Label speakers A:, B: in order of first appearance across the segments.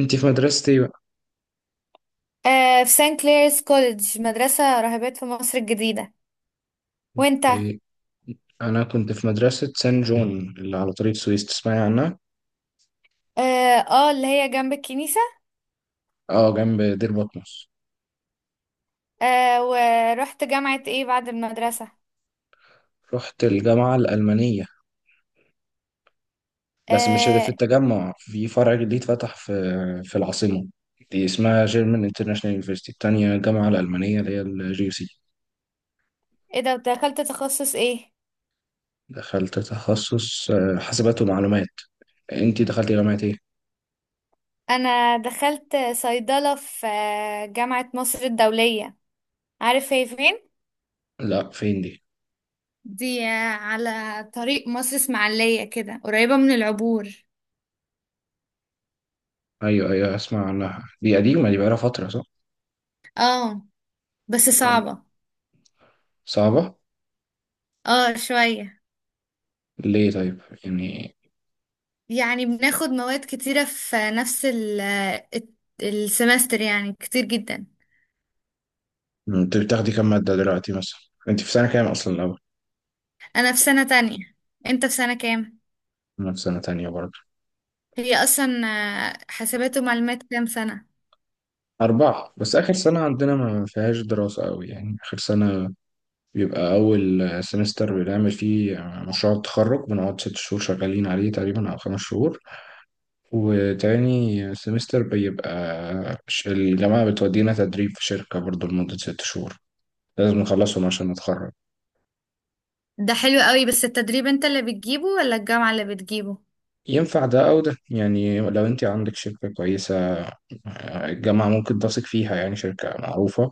A: انت في مدرسة ايه بقى؟
B: في سان كليرز كوليدج، مدرسة راهبات في مصر الجديدة. وانت؟
A: إيه، انا كنت في مدرسة سان جون اللي على طريق سويس، تسمعي عنها؟
B: اه. اللي هي جنب الكنيسة.
A: اه، جنب دير بطمس.
B: ورحت جامعة ايه بعد المدرسة؟
A: رحت الجامعة الألمانية، بس مش اللي في
B: آه
A: التجمع، في فرع جديد فتح في العاصمة. دي اسمها جيرمان انترناشونال يونيفرسيتي، التانية الجامعة الألمانية اللي هي الجي يو سي.
B: ايه ده، دخلت تخصص ايه؟
A: دخلت تخصص حاسبات ومعلومات. انت دخلتي جامعة ايه؟
B: انا دخلت صيدلة في جامعة مصر الدولية. عارف هي فين؟
A: لا، فين دي؟
B: دي على طريق مصر اسماعيلية كده، قريبة من العبور.
A: ايوه ايوه، اسمع عنها، دي قديمة، دي بقالها فترة صح؟
B: اه، بس
A: آه،
B: صعبة.
A: صعبة؟
B: اه، شوية.
A: ليه طيب؟ يعني
B: يعني بناخد مواد كتيرة في نفس السمستر، يعني كتير جدا.
A: مم. انت بتاخدي كام مادة دلوقتي مثلا؟ انت في سنة كام اصلا الاول؟
B: أنا في سنة تانية. أنت في سنة كام؟
A: انا في سنة تانية برضه.
B: هي أصلا حاسبات ومعلومات كام سنة؟
A: أربعة، بس آخر سنة عندنا ما فيهاش دراسة أوي، يعني آخر سنة بيبقى أول سمستر بنعمل فيه مشروع التخرج، بنقعد ست شهور شغالين عليه تقريبا أو خمس شهور. وتاني سمستر بيبقى الجامعة بتودينا تدريب في شركة برضه لمدة ست شهور، لازم نخلصهم عشان نتخرج.
B: ده حلو قوي، بس التدريب أنت اللي بتجيبه ولا الجامعة اللي بتجيبه؟
A: ينفع ده أو ده، يعني لو أنت عندك شركة كويسة، الجامعة ممكن تثق فيها، يعني شركة معروفة،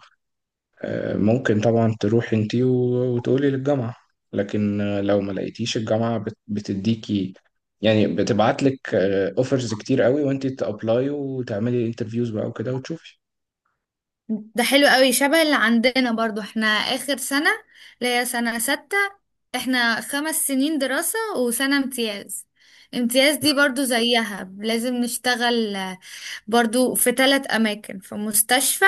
A: ممكن طبعا تروحي انتي وتقولي للجامعة. لكن لو ما لقيتيش، الجامعة بتديكي، يعني بتبعت لك اوفرز كتير قوي، وانتي تابلاي وتعملي انترفيوز بقى وكده وتشوفي.
B: ده حلو قوي شبه اللي عندنا. برضو احنا آخر سنة، اللي هي سنة ستة. احنا 5 سنين دراسة وسنة امتياز. امتياز دي برضو زيها، لازم نشتغل برضو في ثلاث أماكن: في مستشفى،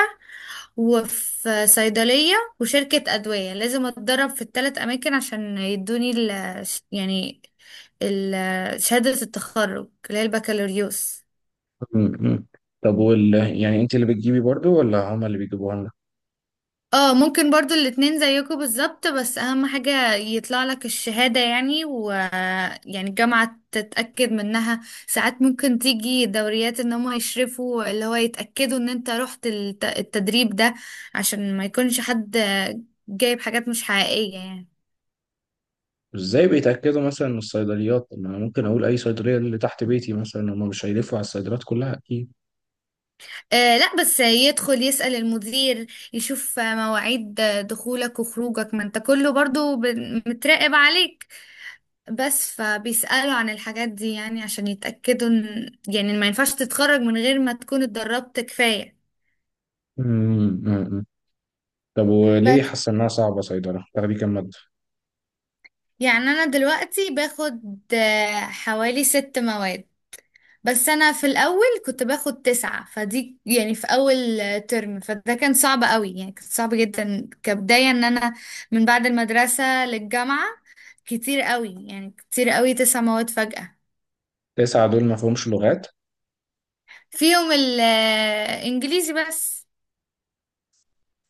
B: وفي صيدلية، وشركة أدوية. لازم أتدرب في الثلاث أماكن عشان يدوني يعني ال شهادة التخرج اللي هي البكالوريوس.
A: م- م. طب وال يعني انتي اللي بتجيبي برضو ولا هما اللي بيجيبوها لنا؟
B: اه، ممكن برضو الاتنين زيكم بالظبط. بس أهم حاجة يطلع لك الشهادة، يعني يعني الجامعة تتأكد منها. ساعات ممكن تيجي دوريات ان هم يشرفوا، اللي هو يتأكدوا ان انت رحت التدريب ده، عشان ما يكونش حد جايب حاجات مش حقيقية يعني.
A: ازاي بيتأكدوا مثلا من الصيدليات؟ طب ما انا ممكن اقول اي صيدلية اللي تحت بيتي مثلا، هما مش هيلفوا على الصيدليات كلها اكيد.
B: آه، لا، بس يدخل يسأل المدير، يشوف مواعيد دخولك وخروجك. ما انت كله برضو متراقب عليك، بس فبيسألوا عن الحاجات دي، يعني عشان يتأكدوا ان، يعني ما ينفعش تتخرج من غير ما تكون اتدربت كفاية.
A: م- م- م. طب وليه
B: بس
A: حاسة انها صعبة صيدلة؟ تاخدي كام مادة؟
B: يعني انا دلوقتي باخد حوالي ست مواد بس. انا في الاول كنت باخد تسعة، فدي يعني في اول ترم، فده كان صعب قوي، يعني كان صعب جدا كبداية ان انا من بعد المدرسة للجامعة كتير قوي، يعني كتير قوي تسع مواد فجأة.
A: تسعة دول ما فيهمش لغات؟
B: فيهم الانجليزي بس.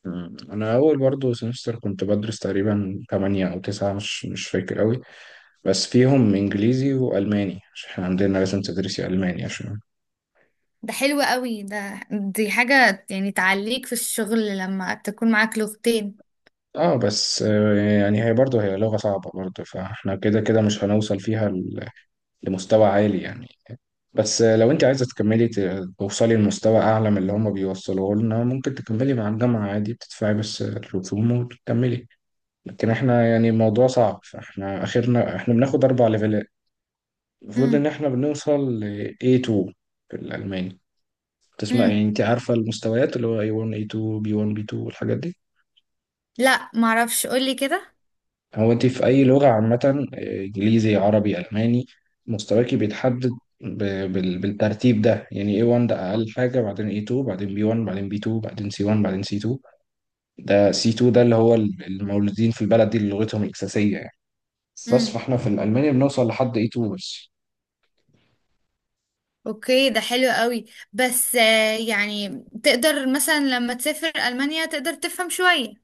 A: مم. أنا أول برضه سمستر كنت بدرس تقريبا تمانية أو تسعة، مش فاكر أوي. بس فيهم إنجليزي وألماني، عشان إحنا عندنا لازم تدرسي ألماني عشان.
B: ده حلو قوي، دي حاجة يعني تعليك في الشغل لما تكون معاك لغتين.
A: اه، بس يعني هي برضه هي لغة صعبة برضه، فاحنا كده كده مش هنوصل فيها لمستوى عالي يعني. بس لو انت عايزة تكملي توصلي لمستوى أعلى من اللي هما بيوصلوه لنا، ممكن تكملي مع الجامعة عادي، بتدفعي بس الرسوم وتكملي. لكن احنا يعني الموضوع صعب، فاحنا آخرنا احنا بناخد أربع ليفلات، المفروض ان
B: امم.
A: احنا بنوصل ل A2 في الالماني. تسمع يعني،
B: امم،
A: انت عارفه المستويات اللي هو A1 A2 B1 B2 والحاجات دي؟
B: لا، معرفش، قولي كده.
A: هو انت في اي لغه عامه، انجليزي عربي الماني، مستواكي بيتحدد بالترتيب ده، يعني A1 ده اقل حاجه، بعدين A2، بعدين B1، بعدين B2، بعدين C1، بعدين C2. ده C2 ده اللي هو المولودين في البلد دي اللي لغتهم الاساسيه يعني. بس
B: امم.
A: فاحنا في الالماني بنوصل لحد A2 بس.
B: اوكي، ده حلو قوي. بس يعني تقدر مثلا لما تسافر ألمانيا تقدر تفهم شوية.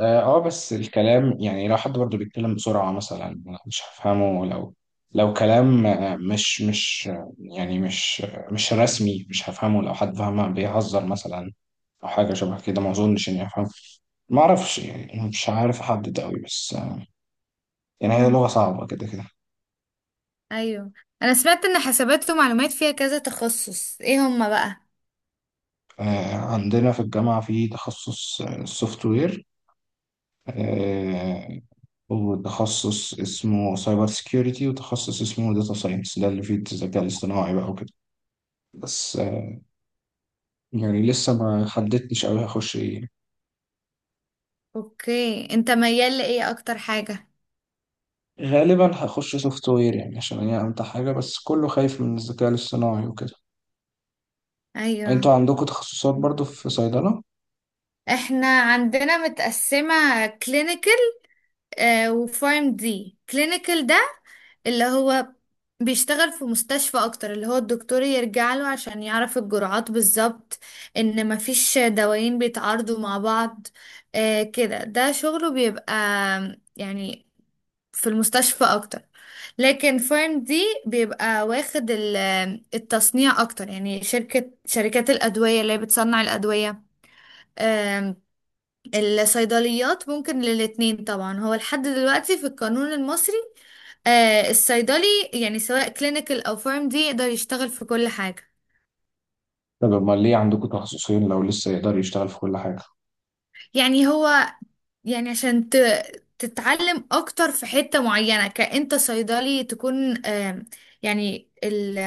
A: اه، بس الكلام يعني لو حد برضه بيتكلم بسرعة مثلا، مش هفهمه. لو كلام مش يعني مش مش رسمي، مش هفهمه. لو حد فاهمه بيهزر مثلا، او حاجة شبه كده، ما اظنش اني افهم. ما اعرفش يعني، مش عارف احدد قوي، بس يعني هي لغة
B: امم.
A: صعبة كده كده.
B: ايوه، انا سمعت ان حسابات ومعلومات فيها كذا تخصص، ايه هما بقى؟
A: عندنا في الجامعة في تخصص سوفت وير، وتخصص اسمه سايبر سيكيورتي، وتخصص اسمه داتا ساينس، ده اللي فيه الذكاء الاصطناعي بقى وكده. بس يعني لسه ما حددتش أوي هخش إيه.
B: اوكي، انت ميال لايه اكتر حاجة؟
A: غالبا هخش سوفت وير، يعني عشان هي أمتع حاجة، بس كله خايف من الذكاء الاصطناعي وكده.
B: ايوه.
A: أنتوا عندكم تخصصات برضو في صيدلة؟
B: احنا عندنا متقسمة كلينيكال وفارم دي. كلينيكال ده اللي هو بيشتغل في مستشفى اكتر، اللي هو الدكتور يرجع له عشان يعرف الجرعات بالظبط، ان مفيش دوايين بيتعارضوا مع بعض. آه كده، ده شغله بيبقى يعني في المستشفى اكتر. لكن فارم دي بيبقى واخد التصنيع اكتر، يعني شركات الادوية اللي هي بتصنع الادوية. الصيدليات ممكن للاتنين طبعا. هو لحد دلوقتي في القانون المصري، آه، الصيدلي يعني سواء كلينيكال او فارم دي يقدر يشتغل في كل حاجة.
A: طب أمال ليه عندكم تخصصين لو لسه يقدر يشتغل في كل حاجة؟
B: يعني هو، يعني عشان تتعلم اكتر في حتة معينة. كأنت صيدلي، تكون يعني ال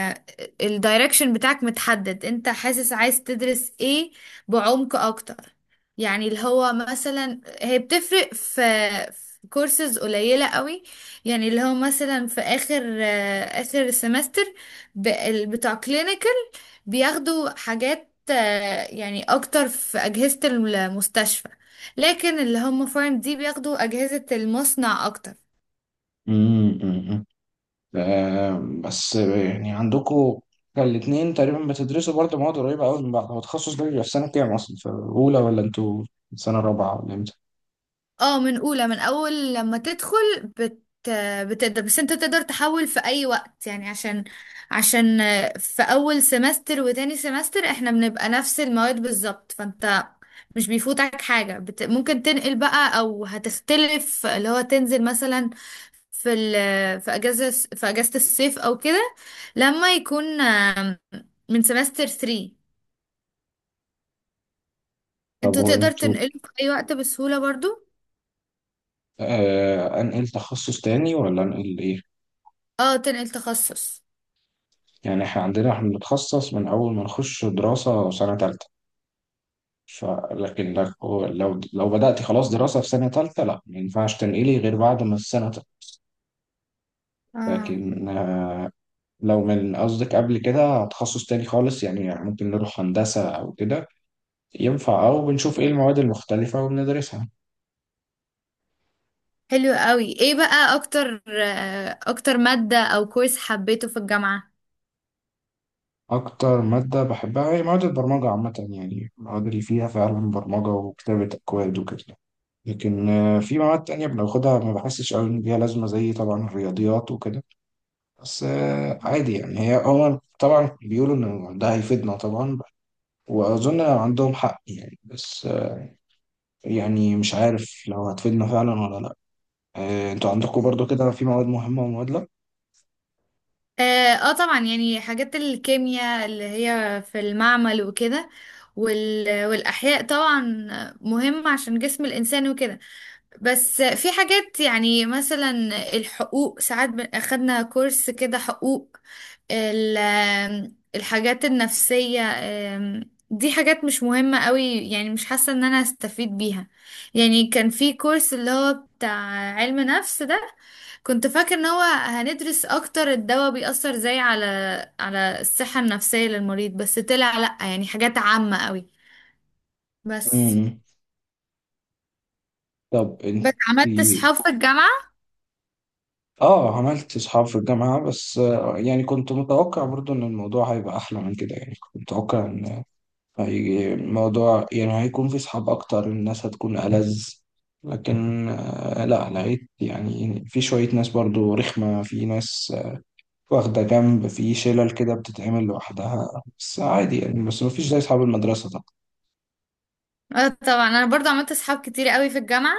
B: الدايركشن بتاعك متحدد. انت حاسس عايز تدرس ايه بعمق اكتر. يعني اللي هو مثلا هي بتفرق في كورسز قليلة قوي. يعني اللي هو مثلا في اخر سمستر بتاع كلينيكال بياخدوا حاجات يعني اكتر في اجهزة المستشفى، لكن اللي هم فارم دي بياخدوا أجهزة المصنع أكتر.
A: أمم. آه، بس يعني عندكم كان الاتنين تقريبا بتدرسوا برضه مواد قريبة أوي من بعض. هو التخصص ده بيبقى في سنة كام أصلا، في أولى ولا أنتوا في سنة رابعة ولا إمتى؟
B: اه، من أولى، من أول لما تدخل. بت بتقدر. بس انت تقدر تحول في أي وقت، يعني عشان في أول سمستر وتاني سمستر احنا بنبقى نفس المواد بالظبط. فانت مش بيفوتك حاجة، ممكن تنقل بقى. أو هتختلف اللي هو تنزل مثلا في ال في أجازة في أجازة الصيف أو كده، لما يكون من سمستر 3.
A: طب
B: انتوا
A: هو
B: تقدر
A: أنتوا،
B: تنقله في اي وقت بسهولة برضو.
A: آه، أنقل تخصص تاني ولا أنقل إيه؟
B: اه، تنقل تخصص.
A: يعني احنا عندنا احنا بنتخصص من اول ما نخش دراسة سنة تالتة. فلكن هو لو بدأت خلاص دراسة في سنة تالتة، لا ما ينفعش تنقلي غير بعد ما السنة تالتة.
B: اه،
A: لكن لو من قصدك قبل كده تخصص تاني خالص، يعني ممكن نروح هندسة أو كده، ينفع، أو بنشوف إيه المواد المختلفة وبندرسها.
B: حلو قوي. ايه بقى اكتر مادة او كويس حبيته في الجامعة؟
A: أكتر مادة بحبها هي مواد البرمجة عامة، يعني المواد اللي فيها فعلا برمجة وكتابة أكواد وكده. لكن في مواد تانية بناخدها، ما بحسش قوي إن ليها لازمة، زي طبعا الرياضيات وكده. بس عادي يعني، هي هو طبعا بيقولوا إن ده هيفيدنا طبعا، وأظن عندهم حق يعني، بس يعني مش عارف لو هتفيدنا فعلا ولا لأ. أنتوا عندكم برضو كده في مواد مهمة ومواد لأ؟
B: اه، طبعا، يعني حاجات الكيمياء اللي هي في المعمل وكده والاحياء طبعا، مهمة عشان جسم الانسان وكده. بس في حاجات يعني مثلا الحقوق، ساعات اخدنا كورس كده حقوق، الحاجات النفسية. دي حاجات مش مهمة قوي. يعني مش حاسة ان انا هستفيد بيها. يعني كان في كورس اللي هو بتاع علم نفس ده، كنت فاكر ان هو هندرس اكتر الدواء بيأثر ازاي على الصحة النفسية للمريض. بس طلع لأ، يعني حاجات عامة قوي بس
A: مم. طب
B: بس
A: أنت،
B: عملت صحاب في الجامعة.
A: آه، عملت أصحاب في الجامعة، بس يعني كنت متوقع برضو إن الموضوع هيبقى أحلى من كده. يعني كنت متوقع إن الموضوع يعني هيكون في صحاب أكتر، الناس هتكون ألذ. لكن لا، لقيت يعني في شوية ناس برضو رخمة، في ناس واخدة جنب في شلل كده، بتتعمل لوحدها، بس عادي يعني، بس مفيش زي أصحاب المدرسة طبعا.
B: اه، طبعا، انا برضو عملت اصحاب كتير قوي في الجامعة.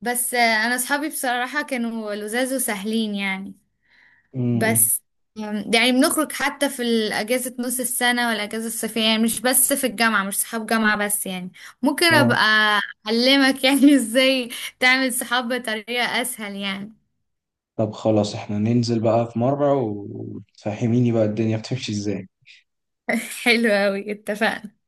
B: بس انا اصحابي بصراحة كانوا لذاذ وسهلين يعني.
A: أمم.
B: بس يعني بنخرج حتى في الاجازة نص السنة والاجازة الصيفية، يعني مش بس في الجامعة، مش صحاب جامعة بس يعني. ممكن
A: اه،
B: ابقى اعلمك يعني ازاي تعمل صحاب بطريقة اسهل يعني.
A: طب خلاص احنا ننزل بقى في مرة وتفهميني بقى الدنيا بتمشي ازاي.
B: حلو قوي، اتفقنا.